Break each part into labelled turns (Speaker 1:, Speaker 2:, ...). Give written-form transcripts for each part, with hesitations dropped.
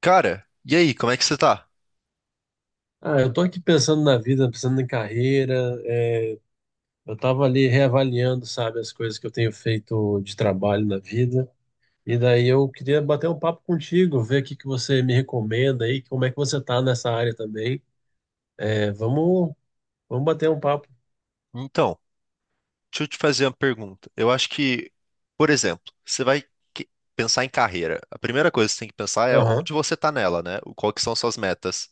Speaker 1: Cara, e aí, como é que você tá?
Speaker 2: Ah, eu tô aqui pensando na vida, pensando em carreira. é, eu tava ali reavaliando, sabe, as coisas que eu tenho feito de trabalho na vida. E daí eu queria bater um papo contigo, ver o que que você me recomenda aí, como é que você tá nessa área também. É, vamos bater um papo.
Speaker 1: Então, deixa eu te fazer uma pergunta. Eu acho que, por exemplo, você vai que- pensar em carreira. A primeira coisa que você tem que pensar é
Speaker 2: Aham,
Speaker 1: onde você tá nela, né? Qual que são suas metas?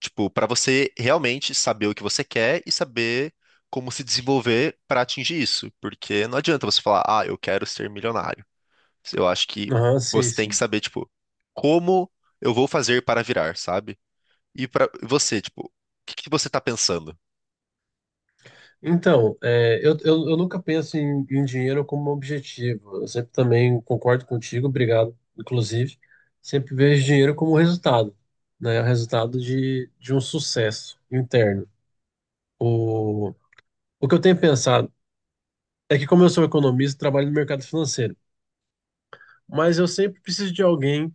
Speaker 1: Tipo, pra você realmente saber o que você quer e saber como se desenvolver pra atingir isso. Porque não adianta você falar, ah, eu quero ser milionário. Eu acho que
Speaker 2: aham, sim,
Speaker 1: você tem que
Speaker 2: sim.
Speaker 1: saber, tipo, como eu vou fazer para virar, sabe? E pra você, tipo, o que que você tá pensando?
Speaker 2: Então, eu nunca penso em dinheiro como um objetivo. Eu sempre também concordo contigo, obrigado, inclusive. Sempre vejo dinheiro como resultado, né? O resultado de um sucesso interno. O, o que eu tenho pensado é que, como eu sou economista, trabalho no mercado financeiro, mas eu sempre preciso de alguém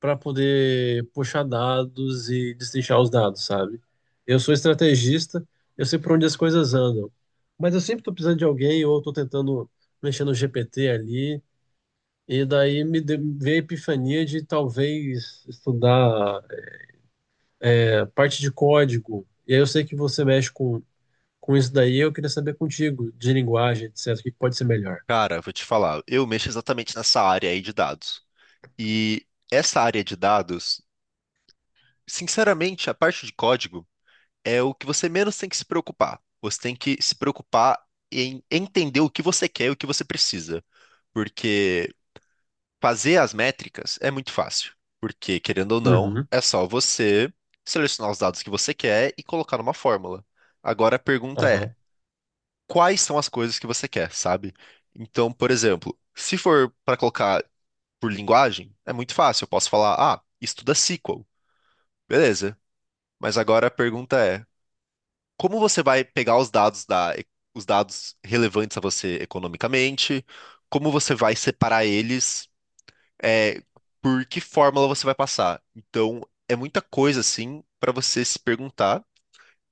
Speaker 2: para poder puxar dados e destrinchar os dados, sabe? Eu sou estrategista, eu sei por onde as coisas andam, mas eu sempre estou precisando de alguém ou estou tentando mexer no GPT ali, e daí veio a epifania de talvez estudar parte de código. E aí eu sei que você mexe com isso daí, eu queria saber contigo, de linguagem, etc., o que pode ser melhor.
Speaker 1: Cara, vou te falar, eu mexo exatamente nessa área aí de dados. E essa área de dados, sinceramente, a parte de código é o que você menos tem que se preocupar. Você tem que se preocupar em entender o que você quer e o que você precisa. Porque fazer as métricas é muito fácil. Porque, querendo ou não,
Speaker 2: Uhum,
Speaker 1: é só você selecionar os dados que você quer e colocar numa fórmula. Agora a pergunta é:
Speaker 2: aham,
Speaker 1: quais são as coisas que você quer, sabe? Então, por exemplo, se for para colocar por linguagem, é muito fácil. Eu posso falar, ah, estuda SQL. Beleza. Mas agora a pergunta é, como você vai pegar os dados da, os dados relevantes a você economicamente? Como você vai separar eles? É, por que fórmula você vai passar? Então, é muita coisa assim para você se perguntar.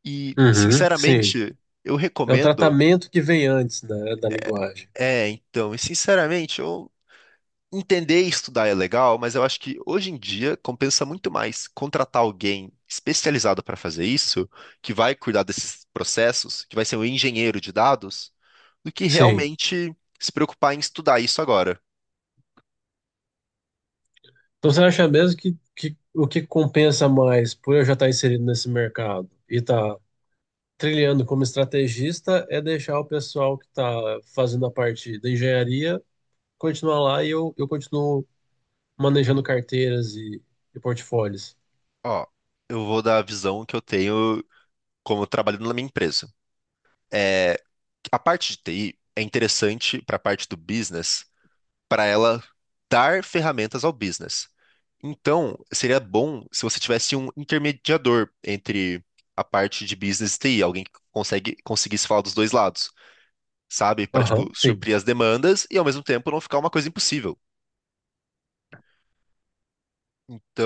Speaker 1: E,
Speaker 2: uhum, sim.
Speaker 1: sinceramente, eu
Speaker 2: É o
Speaker 1: recomendo.
Speaker 2: tratamento que vem antes, né, da linguagem.
Speaker 1: É, então, e sinceramente, eu Entender e estudar é legal, mas eu acho que hoje em dia compensa muito mais contratar alguém especializado para fazer isso, que vai cuidar desses processos, que vai ser um engenheiro de dados, do que
Speaker 2: Sim.
Speaker 1: realmente se preocupar em estudar isso agora.
Speaker 2: Então você acha mesmo que o que compensa mais por eu já estar inserido nesse mercado e estar trilhando como estrategista é deixar o pessoal que está fazendo a parte da engenharia continuar lá e eu continuo manejando carteiras e portfólios.
Speaker 1: Ó, eu vou dar a visão que eu tenho como trabalhando na minha empresa. É, a parte de TI é interessante para a parte do business, para ela dar ferramentas ao business. Então, seria bom se você tivesse um intermediador entre a parte de business e TI, alguém que conseguisse falar dos dois lados, sabe? Para, tipo,
Speaker 2: Aham, sim.
Speaker 1: suprir as demandas e ao mesmo tempo não ficar uma coisa impossível.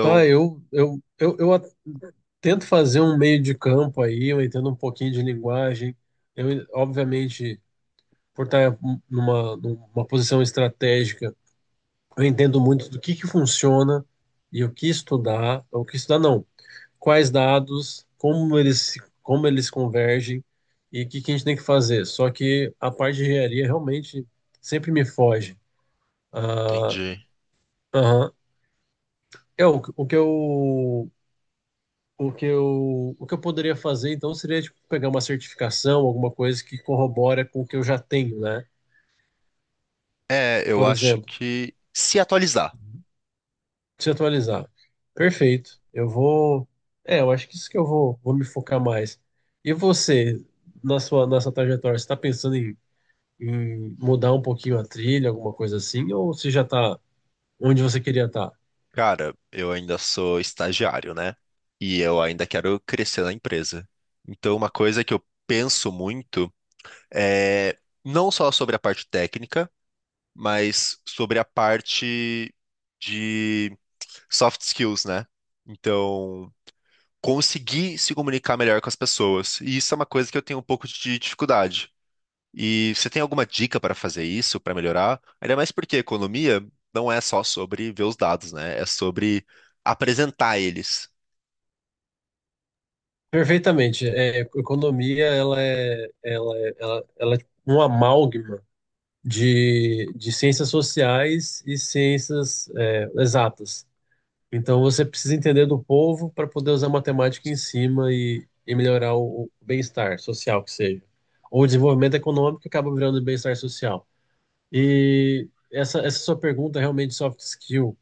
Speaker 2: Tá, eu tento fazer um meio de campo aí, eu entendo um pouquinho de linguagem. Eu, obviamente, por estar numa posição estratégica, eu entendo muito do que funciona e o que estudar não, quais dados, como eles se- como eles convergem e o que que a gente tem que fazer. Só que a parte de engenharia realmente sempre me foge. Ah,
Speaker 1: entendi.
Speaker 2: aham. É o que eu poderia fazer então seria tipo, pegar uma certificação, alguma coisa que corrobora com o que eu já tenho, né?
Speaker 1: É, eu
Speaker 2: Por
Speaker 1: acho
Speaker 2: exemplo,
Speaker 1: que se atualizar.
Speaker 2: se atualizar. Perfeito. Eu vou. É, eu acho que isso que eu vou me focar mais. E você, na sua trajetória, você está pensando em mudar um pouquinho a trilha, alguma coisa assim, ou você já está onde você queria estar?
Speaker 1: Cara, eu ainda sou estagiário, né? E eu ainda quero crescer na empresa. Então, uma coisa que eu penso muito. É, não só sobre a parte técnica, mas sobre a parte de soft skills, né? Então, conseguir se comunicar melhor com as pessoas. E isso é uma coisa que eu tenho um pouco de dificuldade. E você tem alguma dica para fazer isso, para melhorar? Ainda mais porque economia não é só sobre ver os dados, né? É sobre apresentar eles.
Speaker 2: Perfeitamente. É, economia, ela é um amálgama de ciências sociais e ciências, é, exatas. Então você precisa entender do povo para poder usar matemática em cima e melhorar o bem-estar social, que seja. Ou o desenvolvimento econômico que acaba virando bem-estar social. E essa sua pergunta, realmente, soft skill,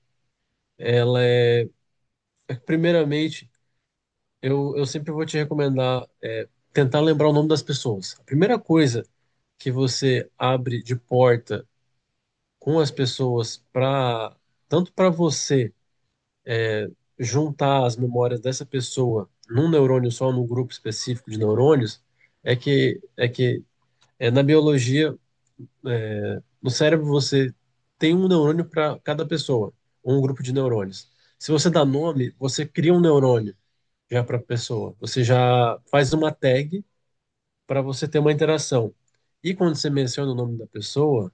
Speaker 2: ela é, primeiramente, eu sempre vou te recomendar é, tentar lembrar o nome das pessoas. A primeira coisa que você abre de porta com as pessoas para, tanto para você juntar as memórias dessa pessoa num neurônio só, num grupo específico de neurônios, é que é que é, na biologia, no cérebro você tem um neurônio para cada pessoa, ou um grupo de neurônios. Se você dá nome, você cria um neurônio já para a pessoa. Você já faz uma tag para você ter uma interação. E quando você menciona o nome da pessoa,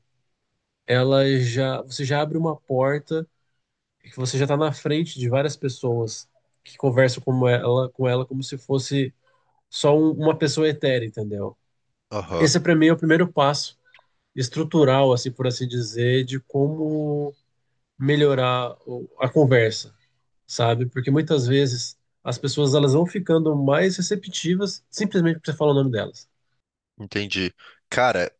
Speaker 2: ela já você já abre uma porta que você já está na frente de várias pessoas que conversam com ela como se fosse uma pessoa etérea, entendeu?
Speaker 1: Aham,
Speaker 2: Esse para mim é o primeiro passo estrutural, assim por assim dizer, de como melhorar a conversa, sabe? Porque muitas vezes as pessoas elas vão ficando mais receptivas simplesmente porque você fala o nome delas.
Speaker 1: entendi. Cara,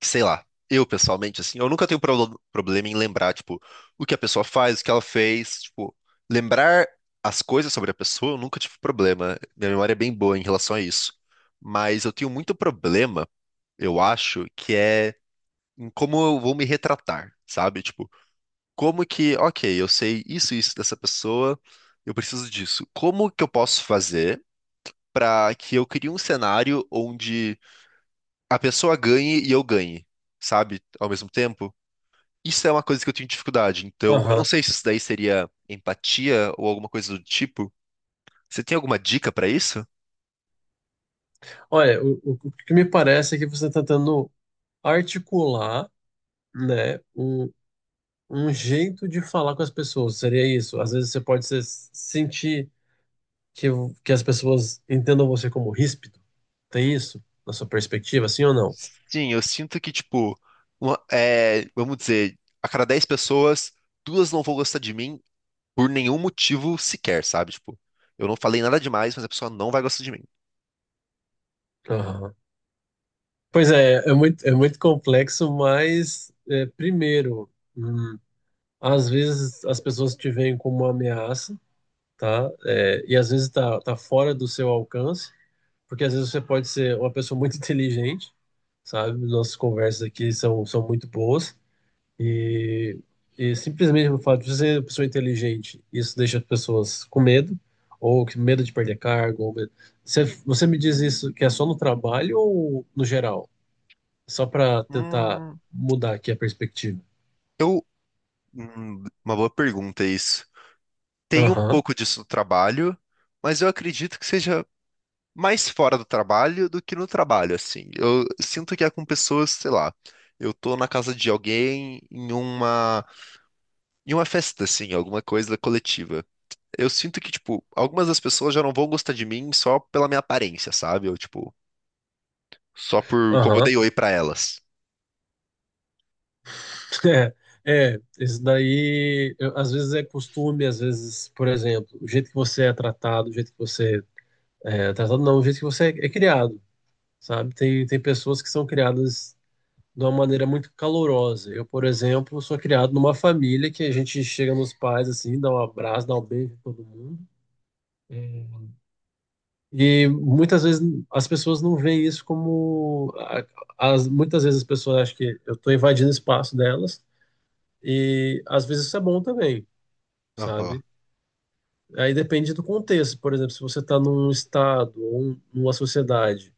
Speaker 1: que, sei lá, eu pessoalmente, assim, eu nunca tenho problema em lembrar, tipo, o que a pessoa faz, o que ela fez, tipo, lembrar as coisas sobre a pessoa, eu nunca tive problema. Minha memória é bem boa em relação a isso. Mas eu tenho muito problema, eu acho, que é em como eu vou me retratar, sabe? Tipo, como que, ok, eu sei isso, isso dessa pessoa, eu preciso disso. Como que eu posso fazer pra que eu crie um cenário onde a pessoa ganhe e eu ganhe, sabe? Ao mesmo tempo? Isso é uma coisa que eu tenho dificuldade. Então, eu não
Speaker 2: Aham.
Speaker 1: sei se isso daí seria empatia ou alguma coisa do tipo. Você tem alguma dica pra isso?
Speaker 2: Olha, o que me parece é que você está tentando articular, né, um jeito de falar com as pessoas. Seria isso. Às vezes você pode se sentir que, que as pessoas entendam você como ríspido. Tem isso na sua perspectiva, sim ou não?
Speaker 1: Sim, eu sinto que, tipo, é, vamos dizer, a cada 10 pessoas, duas não vão gostar de mim por nenhum motivo sequer, sabe? Tipo, eu não falei nada demais, mas a pessoa não vai gostar de mim.
Speaker 2: Aham. Pois é, é muito complexo, mas é, primeiro, hum, às vezes as pessoas te veem como uma ameaça, tá? É, e às vezes tá fora do seu alcance, porque às vezes você pode ser uma pessoa muito inteligente, sabe? Nossas conversas aqui são muito boas. E, e simplesmente o fato de você ser uma pessoa inteligente, isso deixa as pessoas com medo, ou que medo de perder cargo. Ou medo. Você me diz isso que é só no trabalho ou no geral? Só para tentar
Speaker 1: Hum,
Speaker 2: mudar aqui a perspectiva.
Speaker 1: eu. Uma boa pergunta isso. Tem um
Speaker 2: Aham,
Speaker 1: pouco disso no trabalho, mas eu acredito que seja mais fora do trabalho do que no trabalho, assim. Eu sinto que é com pessoas, sei lá, eu tô na casa de alguém em uma festa, assim, alguma coisa coletiva. Eu sinto que, tipo, algumas das pessoas já não vão gostar de mim só pela minha aparência, sabe? Ou, tipo, só por como eu
Speaker 2: aham.
Speaker 1: dei oi pra elas.
Speaker 2: É, é, às vezes é costume, às vezes, por exemplo, o jeito que você é tratado, o jeito que você é é tratado, não, o jeito que você é, é criado, sabe? Tem pessoas que são criadas de uma maneira muito calorosa. Eu, por exemplo, sou criado numa família que a gente chega nos pais assim, dá um abraço, dá um beijo em todo mundo. É, e muitas vezes as pessoas não veem isso como. As, muitas vezes as pessoas acham que eu estou invadindo o espaço delas, e às vezes isso é bom também,
Speaker 1: Aham,
Speaker 2: sabe? Aí depende do contexto. Por exemplo, se você está num estado numa sociedade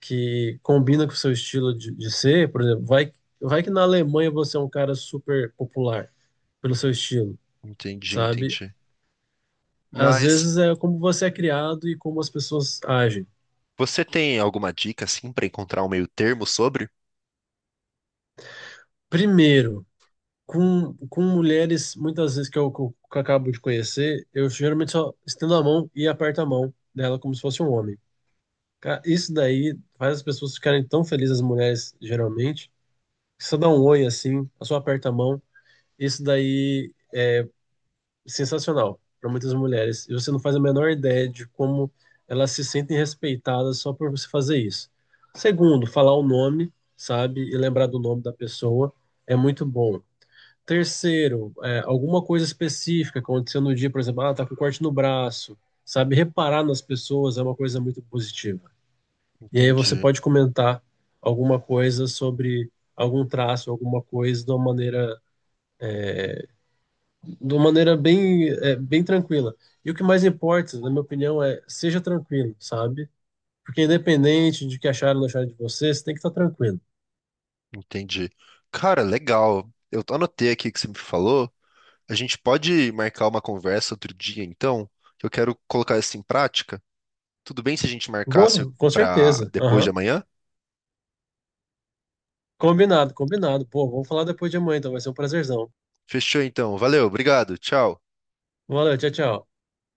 Speaker 2: que combina com o seu estilo de ser, por exemplo, vai que na Alemanha você é um cara super popular pelo seu estilo,
Speaker 1: entendi,
Speaker 2: sabe?
Speaker 1: entendi.
Speaker 2: Às
Speaker 1: Mas
Speaker 2: vezes é como você é criado e como as pessoas agem.
Speaker 1: você tem alguma dica, assim, pra encontrar um meio termo sobre?
Speaker 2: Primeiro, com mulheres, muitas vezes que eu acabo de conhecer, eu geralmente só estendo a mão e aperto a mão dela como se fosse um homem. Cara, isso daí faz as pessoas ficarem tão felizes, as mulheres, geralmente. Que Só dá um oi assim, a só aperta a mão. Isso daí sensacional para muitas mulheres. E você não faz a menor ideia de como elas se sentem respeitadas só por você fazer isso. Segundo, falar o nome, sabe? E lembrar do nome da pessoa é muito bom. Terceiro, é, alguma coisa específica aconteceu no dia, por exemplo, ah, tá com corte no braço, sabe? Reparar nas pessoas é uma coisa muito positiva. E aí você
Speaker 1: Entendi,
Speaker 2: pode comentar alguma coisa sobre algum traço, alguma coisa de uma maneira bem, é, bem tranquila. E o que mais importa, na minha opinião, é seja tranquilo, sabe? Porque independente de que acharam ou não acharam de você, você tem que estar tranquilo.
Speaker 1: entendi. Cara, legal. Eu anotei aqui o que você me falou. A gente pode marcar uma conversa outro dia, então, que eu quero colocar isso em prática. Tudo bem se a gente marcasse
Speaker 2: Boa, com
Speaker 1: para
Speaker 2: certeza.
Speaker 1: depois de
Speaker 2: Aham.
Speaker 1: amanhã?
Speaker 2: Combinado, combinado. Pô, vamos falar depois de amanhã, então vai ser um prazerzão.
Speaker 1: Fechou, então. Valeu, obrigado, tchau.
Speaker 2: Valeu, tchau, tchau.